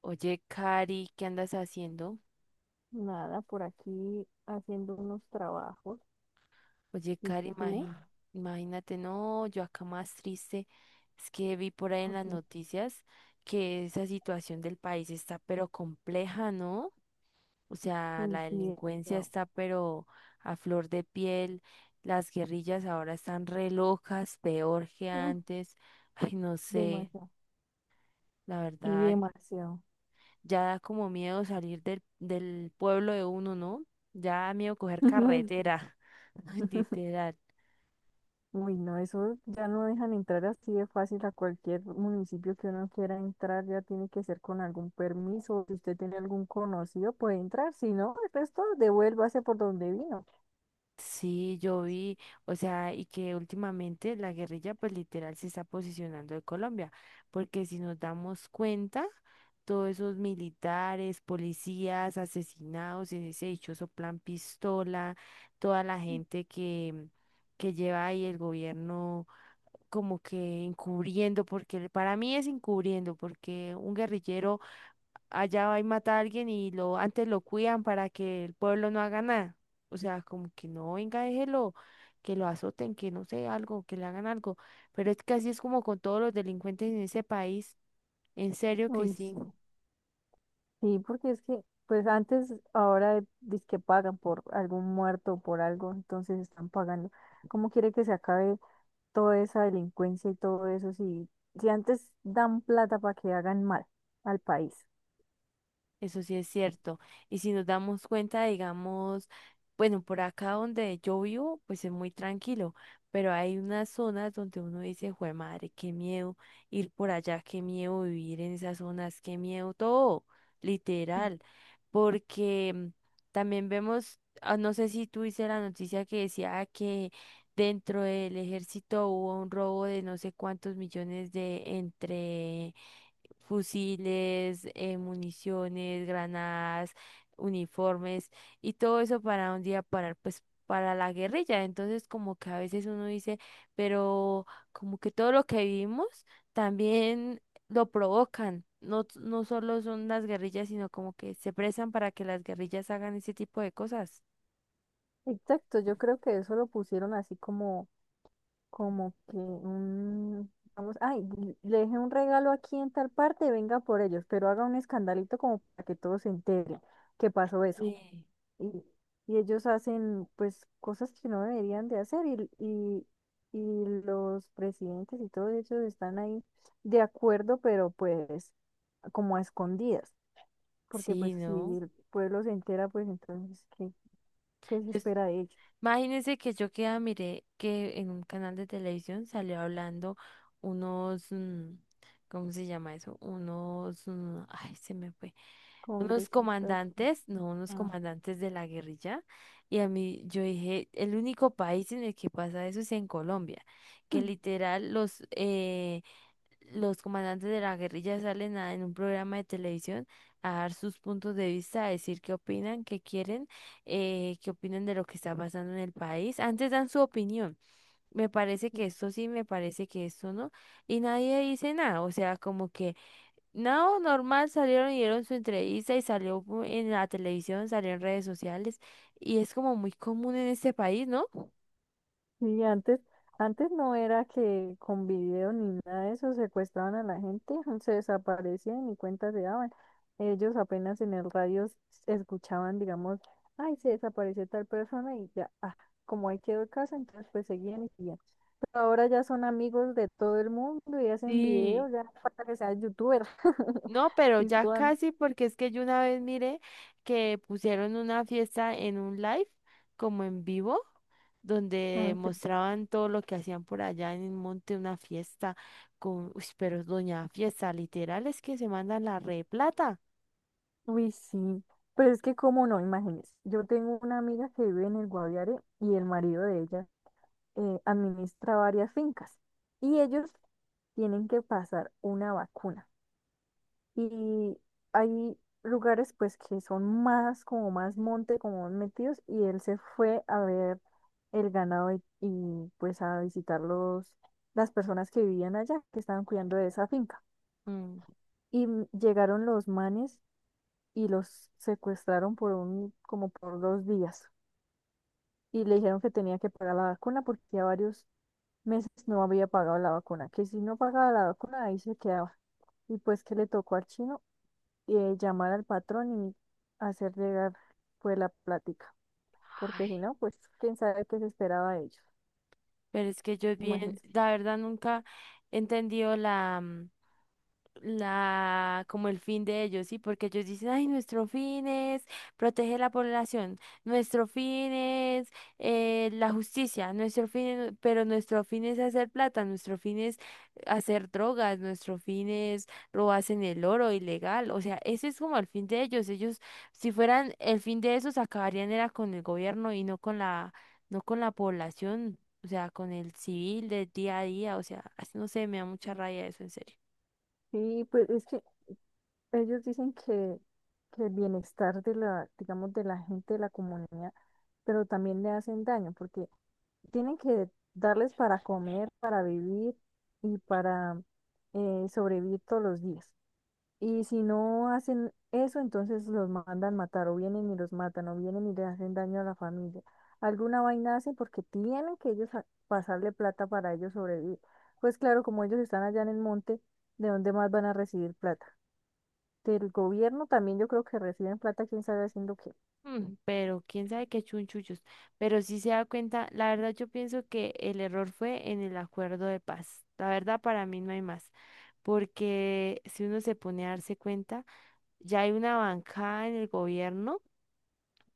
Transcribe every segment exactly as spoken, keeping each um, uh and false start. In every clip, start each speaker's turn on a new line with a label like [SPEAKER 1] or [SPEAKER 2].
[SPEAKER 1] Oye, Cari, ¿qué andas haciendo?
[SPEAKER 2] Nada, por aquí haciendo unos trabajos.
[SPEAKER 1] Oye,
[SPEAKER 2] ¿Y
[SPEAKER 1] Cari,
[SPEAKER 2] tú?
[SPEAKER 1] imagín- imagínate, no, yo acá más triste. Es que vi por ahí en las
[SPEAKER 2] Porque,
[SPEAKER 1] noticias que esa situación del país está pero compleja, ¿no? O sea,
[SPEAKER 2] uy,
[SPEAKER 1] la
[SPEAKER 2] sí,
[SPEAKER 1] delincuencia
[SPEAKER 2] demasiado.
[SPEAKER 1] está pero a flor de piel, las guerrillas ahora están re locas, peor que
[SPEAKER 2] Mm,
[SPEAKER 1] antes. Ay, no sé,
[SPEAKER 2] Demasiado.
[SPEAKER 1] la
[SPEAKER 2] Y
[SPEAKER 1] verdad,
[SPEAKER 2] demasiado.
[SPEAKER 1] ya da como miedo salir del, del pueblo de uno, ¿no? Ya da miedo coger
[SPEAKER 2] Muy,
[SPEAKER 1] carretera, literal.
[SPEAKER 2] uy, no, eso ya no dejan entrar así de fácil a cualquier municipio que uno quiera entrar, ya tiene que ser con algún permiso. Si usted tiene algún conocido, puede entrar. Si no, el resto devuélvase por donde vino.
[SPEAKER 1] Sí, yo vi, o sea, y que últimamente la guerrilla pues literal se está posicionando de Colombia, porque si nos damos cuenta, todos esos militares, policías, asesinados, en ese dichoso plan pistola, toda la gente que, que lleva ahí el gobierno como que encubriendo, porque para mí es encubriendo, porque un guerrillero allá va y mata a alguien y lo antes lo cuidan para que el pueblo no haga nada. O sea, como que no, venga, déjelo, que lo azoten, que no sé, algo, que le hagan algo. Pero es que así es como con todos los delincuentes en ese país. En serio que
[SPEAKER 2] Uy,
[SPEAKER 1] sí.
[SPEAKER 2] sí. Sí, porque es que, pues antes, ahora dice que pagan por algún muerto o por algo, entonces están pagando. ¿Cómo quiere que se acabe toda esa delincuencia y todo eso si, si antes dan plata para que hagan mal al país?
[SPEAKER 1] Eso sí es cierto. Y si nos damos cuenta, digamos, bueno, por acá donde yo vivo, pues es muy tranquilo, pero hay unas zonas donde uno dice, jue madre, qué miedo ir por allá, qué miedo vivir en esas zonas, qué miedo todo,
[SPEAKER 2] Mm.
[SPEAKER 1] literal, porque mm, también vemos, ah, no sé si tú viste la noticia que decía que dentro del ejército hubo un robo de no sé cuántos millones de entre fusiles, eh, municiones, granadas, uniformes y todo eso para un día parar, pues para la guerrilla. Entonces como que a veces uno dice, pero como que todo lo que vivimos también lo provocan. No, no solo son las guerrillas, sino como que se prestan para que las guerrillas hagan ese tipo de cosas.
[SPEAKER 2] Exacto, yo creo que eso lo pusieron así como, como que un, vamos, ay, le dejé un regalo aquí en tal parte, venga por ellos, pero haga un escandalito como para que todos se enteren que pasó eso.
[SPEAKER 1] Sí.
[SPEAKER 2] Y, y ellos hacen pues cosas que no deberían de hacer y, y, y los presidentes y todos ellos están ahí de acuerdo, pero pues como a escondidas, porque pues
[SPEAKER 1] Sí,
[SPEAKER 2] si
[SPEAKER 1] ¿no?
[SPEAKER 2] el pueblo se entera, pues entonces, ¿qué, qué se espera de ellos?
[SPEAKER 1] Imagínense que yo queda, miré que en un canal de televisión salió hablando unos, mm, ¿cómo se llama eso? Unos, mm, ay, se me fue, unos
[SPEAKER 2] Congresistas.
[SPEAKER 1] comandantes, no, unos
[SPEAKER 2] Ah.
[SPEAKER 1] comandantes de la guerrilla. Y a mí, yo dije, el único país en el que pasa eso es en Colombia, que literal los, eh, los comandantes de la guerrilla salen a- en un programa de televisión a dar sus puntos de vista, a decir qué opinan, qué quieren, eh, qué opinan de lo que está pasando en el país. Antes dan su opinión. Me parece que esto sí, me parece que esto no. Y nadie dice nada. O sea, como que no, normal, salieron y dieron su entrevista y salió pu- en la televisión, salió en redes sociales. Y es como muy común en este país, ¿no?
[SPEAKER 2] Y antes, antes no era que con video ni nada de eso secuestraban a la gente, se desaparecían y cuentas se daban. Ellos apenas en el radio s- escuchaban, digamos, ay, se desapareció tal persona y ya, ah, como ahí quedó el caso, entonces pues seguían y seguían. Pero ahora ya son amigos de todo el mundo y hacen
[SPEAKER 1] Sí.
[SPEAKER 2] videos, ya no falta que seas youtuber.
[SPEAKER 1] No, pero
[SPEAKER 2] Y
[SPEAKER 1] ya
[SPEAKER 2] suban,
[SPEAKER 1] casi, porque es que yo una vez miré que pusieron una fiesta en un live, como en vivo, donde
[SPEAKER 2] no sé.
[SPEAKER 1] mostraban todo lo que hacían por allá en el monte, una fiesta con, uy, pero es doña fiesta, literal, es que se mandan la re plata.
[SPEAKER 2] Uy, sí. Pero es que, ¿cómo no? Imagínese, yo tengo una amiga que vive en el Guaviare y el marido de ella eh, administra varias fincas y ellos tienen que pasar una vacuna. Y hay lugares pues que son más como más monte, como más metidos y él se fue a ver el ganado y, y, pues a visitar los, las personas que vivían allá, que estaban cuidando de esa finca.
[SPEAKER 1] Mm.
[SPEAKER 2] Y mm, llegaron los manes y los secuestraron por un, como por dos días. Y le dijeron que tenía que pagar la vacuna porque a varios meses no había pagado la vacuna, que si no pagaba la vacuna ahí se quedaba. Y pues que le tocó al chino eh, llamar al patrón y hacer llegar pues la plática, porque si
[SPEAKER 1] Ay,
[SPEAKER 2] no, pues quién sabe qué se esperaba de ellos,
[SPEAKER 1] pero es que yo bien,
[SPEAKER 2] imagínense.
[SPEAKER 1] la verdad nunca he entendido la, mm, la, como el fin de ellos, ¿sí? Porque ellos dicen, ay, nuestro fin es proteger la población, nuestro fin es eh, la justicia, nuestro fin es- pero nuestro fin es hacer plata, nuestro fin es hacer drogas, nuestro fin es robarse en el oro ilegal, o sea, ese es como el fin de ellos, ellos, si fueran el fin de esos, acabarían era con el gobierno y no con la, no con la población. O sea, con el civil del día a día, o sea, no sé, me da mucha raya eso, en serio.
[SPEAKER 2] Y pues es que ellos dicen que, que el bienestar de la, digamos, de la gente de la comunidad, pero también le hacen daño, porque tienen que darles para comer, para vivir y para eh, sobrevivir todos los días. Y si no hacen eso, entonces los mandan matar o vienen y los matan o vienen y le hacen daño a la familia. Alguna vaina hacen porque tienen que ellos a- pasarle plata para ellos sobrevivir. Pues claro, como ellos están allá en el monte, ¿de dónde más van a recibir plata? Del gobierno también yo creo que reciben plata, quién sabe haciendo qué.
[SPEAKER 1] Mm, pero quién sabe qué chunchullos. Pero sí se da cuenta, la verdad yo pienso que el error fue en el acuerdo de paz. La verdad para mí no hay más, porque si uno se pone a darse cuenta, ya hay una bancada en el gobierno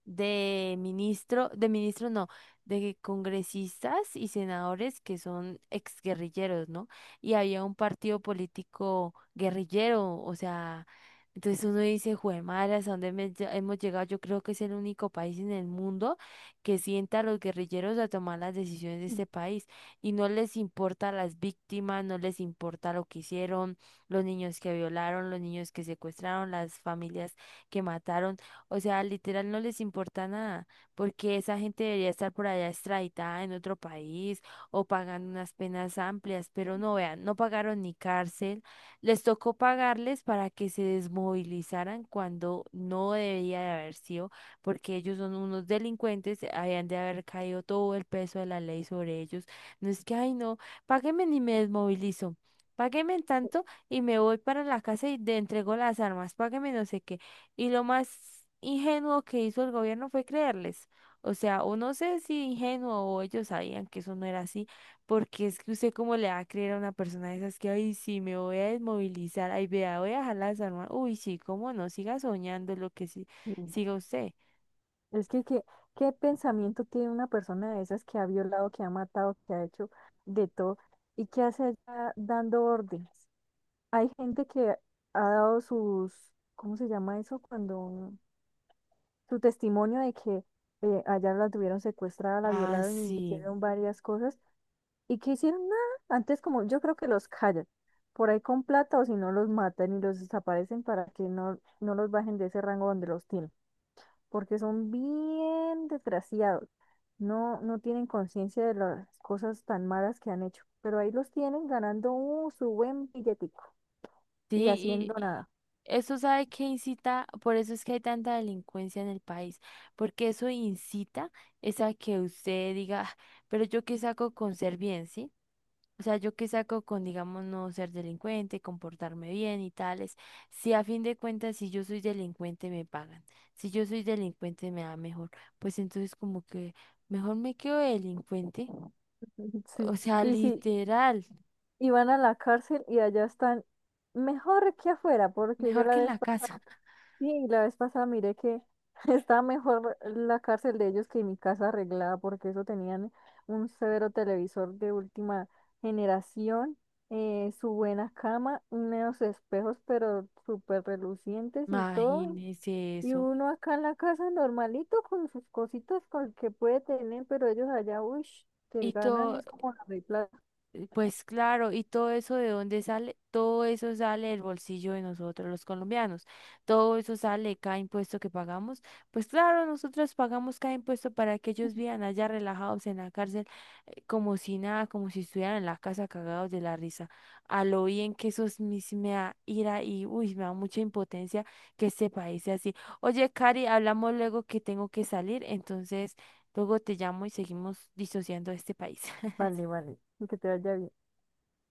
[SPEAKER 1] de ministro, de ministro no, de congresistas y senadores que son exguerrilleros, ¿no? Y había un partido político guerrillero, o sea, entonces uno dice, ¿jue a dónde me lle- hemos llegado? Yo creo que es el único país en el mundo que sienta a los guerrilleros a tomar las decisiones de este país y no les importa las víctimas, no les importa lo que hicieron, los niños que violaron, los niños que secuestraron, las familias que mataron. O sea, literal no les importa nada, porque esa gente debería estar por allá extraditada en otro país o pagando unas penas amplias, pero no vean, no pagaron ni cárcel, les tocó pagarles para que se desmovilizaran cuando no debía de haber sido, porque ellos son unos delincuentes, habían de haber caído todo el peso de la ley sobre ellos. No es que, ay, no, páguenme ni me desmovilizo. Páguenme tanto y me voy para la casa y le entrego las armas. Páguenme no sé qué. Y lo más ingenuo que hizo el gobierno fue creerles. O sea, o no sé si ingenuo o ellos sabían que eso no era así, porque es que usted cómo le va a creer a una persona de esas que, ay, sí, me voy a desmovilizar, ay, vea, voy a dejar las armas. Uy, sí, cómo no, siga soñando lo que sí,
[SPEAKER 2] Mm.
[SPEAKER 1] siga usted.
[SPEAKER 2] Es que, ¿qué, qué pensamiento tiene una persona de esas que ha violado, que ha matado, que ha hecho de todo y que hace allá dando órdenes? Hay gente que ha dado sus, ¿cómo se llama eso? Cuando su testimonio de que eh, allá la tuvieron secuestrada, la
[SPEAKER 1] Ah,
[SPEAKER 2] violaron y le
[SPEAKER 1] sí.
[SPEAKER 2] hicieron varias cosas y que hicieron nada. Antes como yo creo que los callan por ahí con plata o si no los matan y los desaparecen para que no, no los bajen de ese rango donde los tienen, porque son bien desgraciados. No, no tienen conciencia de las cosas tan malas que han hecho, pero ahí los tienen ganando uh, su buen billetico
[SPEAKER 1] Sí,
[SPEAKER 2] y haciendo
[SPEAKER 1] y
[SPEAKER 2] nada.
[SPEAKER 1] eso sabe que incita, por eso es que hay tanta delincuencia en el país, porque eso incita es a que usted diga, "Ah, pero yo qué saco con ser bien, ¿sí? O sea, yo qué saco con, digamos, no ser delincuente, comportarme bien y tales. Si a fin de cuentas, si yo soy delincuente, me pagan. Si yo soy delincuente, me da mejor. Pues entonces como que mejor me quedo delincuente.
[SPEAKER 2] Sí,
[SPEAKER 1] O sea,
[SPEAKER 2] y si
[SPEAKER 1] literal,
[SPEAKER 2] iban a la cárcel y allá están mejor que afuera, porque yo
[SPEAKER 1] mejor
[SPEAKER 2] la
[SPEAKER 1] que en
[SPEAKER 2] vez
[SPEAKER 1] la
[SPEAKER 2] pasada,
[SPEAKER 1] casa."
[SPEAKER 2] sí, la vez pasada miré que estaba mejor la cárcel de ellos que mi casa arreglada, porque eso tenían un severo televisor de última generación, eh, su buena cama, unos espejos pero súper relucientes y todo,
[SPEAKER 1] Imagínese
[SPEAKER 2] y
[SPEAKER 1] eso.
[SPEAKER 2] uno acá en la casa normalito con sus cositas con que puede tener, pero ellos allá, uy, te
[SPEAKER 1] Y
[SPEAKER 2] ganan,
[SPEAKER 1] todo.
[SPEAKER 2] es como la
[SPEAKER 1] Eh, Pues claro, ¿y todo eso de dónde sale? Todo eso sale del bolsillo de nosotros, los colombianos. Todo eso sale de cada impuesto que pagamos. Pues claro, nosotros pagamos cada impuesto para que ellos vivan allá relajados en la cárcel, eh, como si nada, como si estuvieran en la casa cagados de la risa. A lo bien que eso es mis- me da ira y, uy, me da mucha impotencia que este país sea así. Oye, Cari, hablamos luego que tengo que salir, entonces luego te llamo y seguimos disociando este país.
[SPEAKER 2] Vale, vale. Que te vaya bien.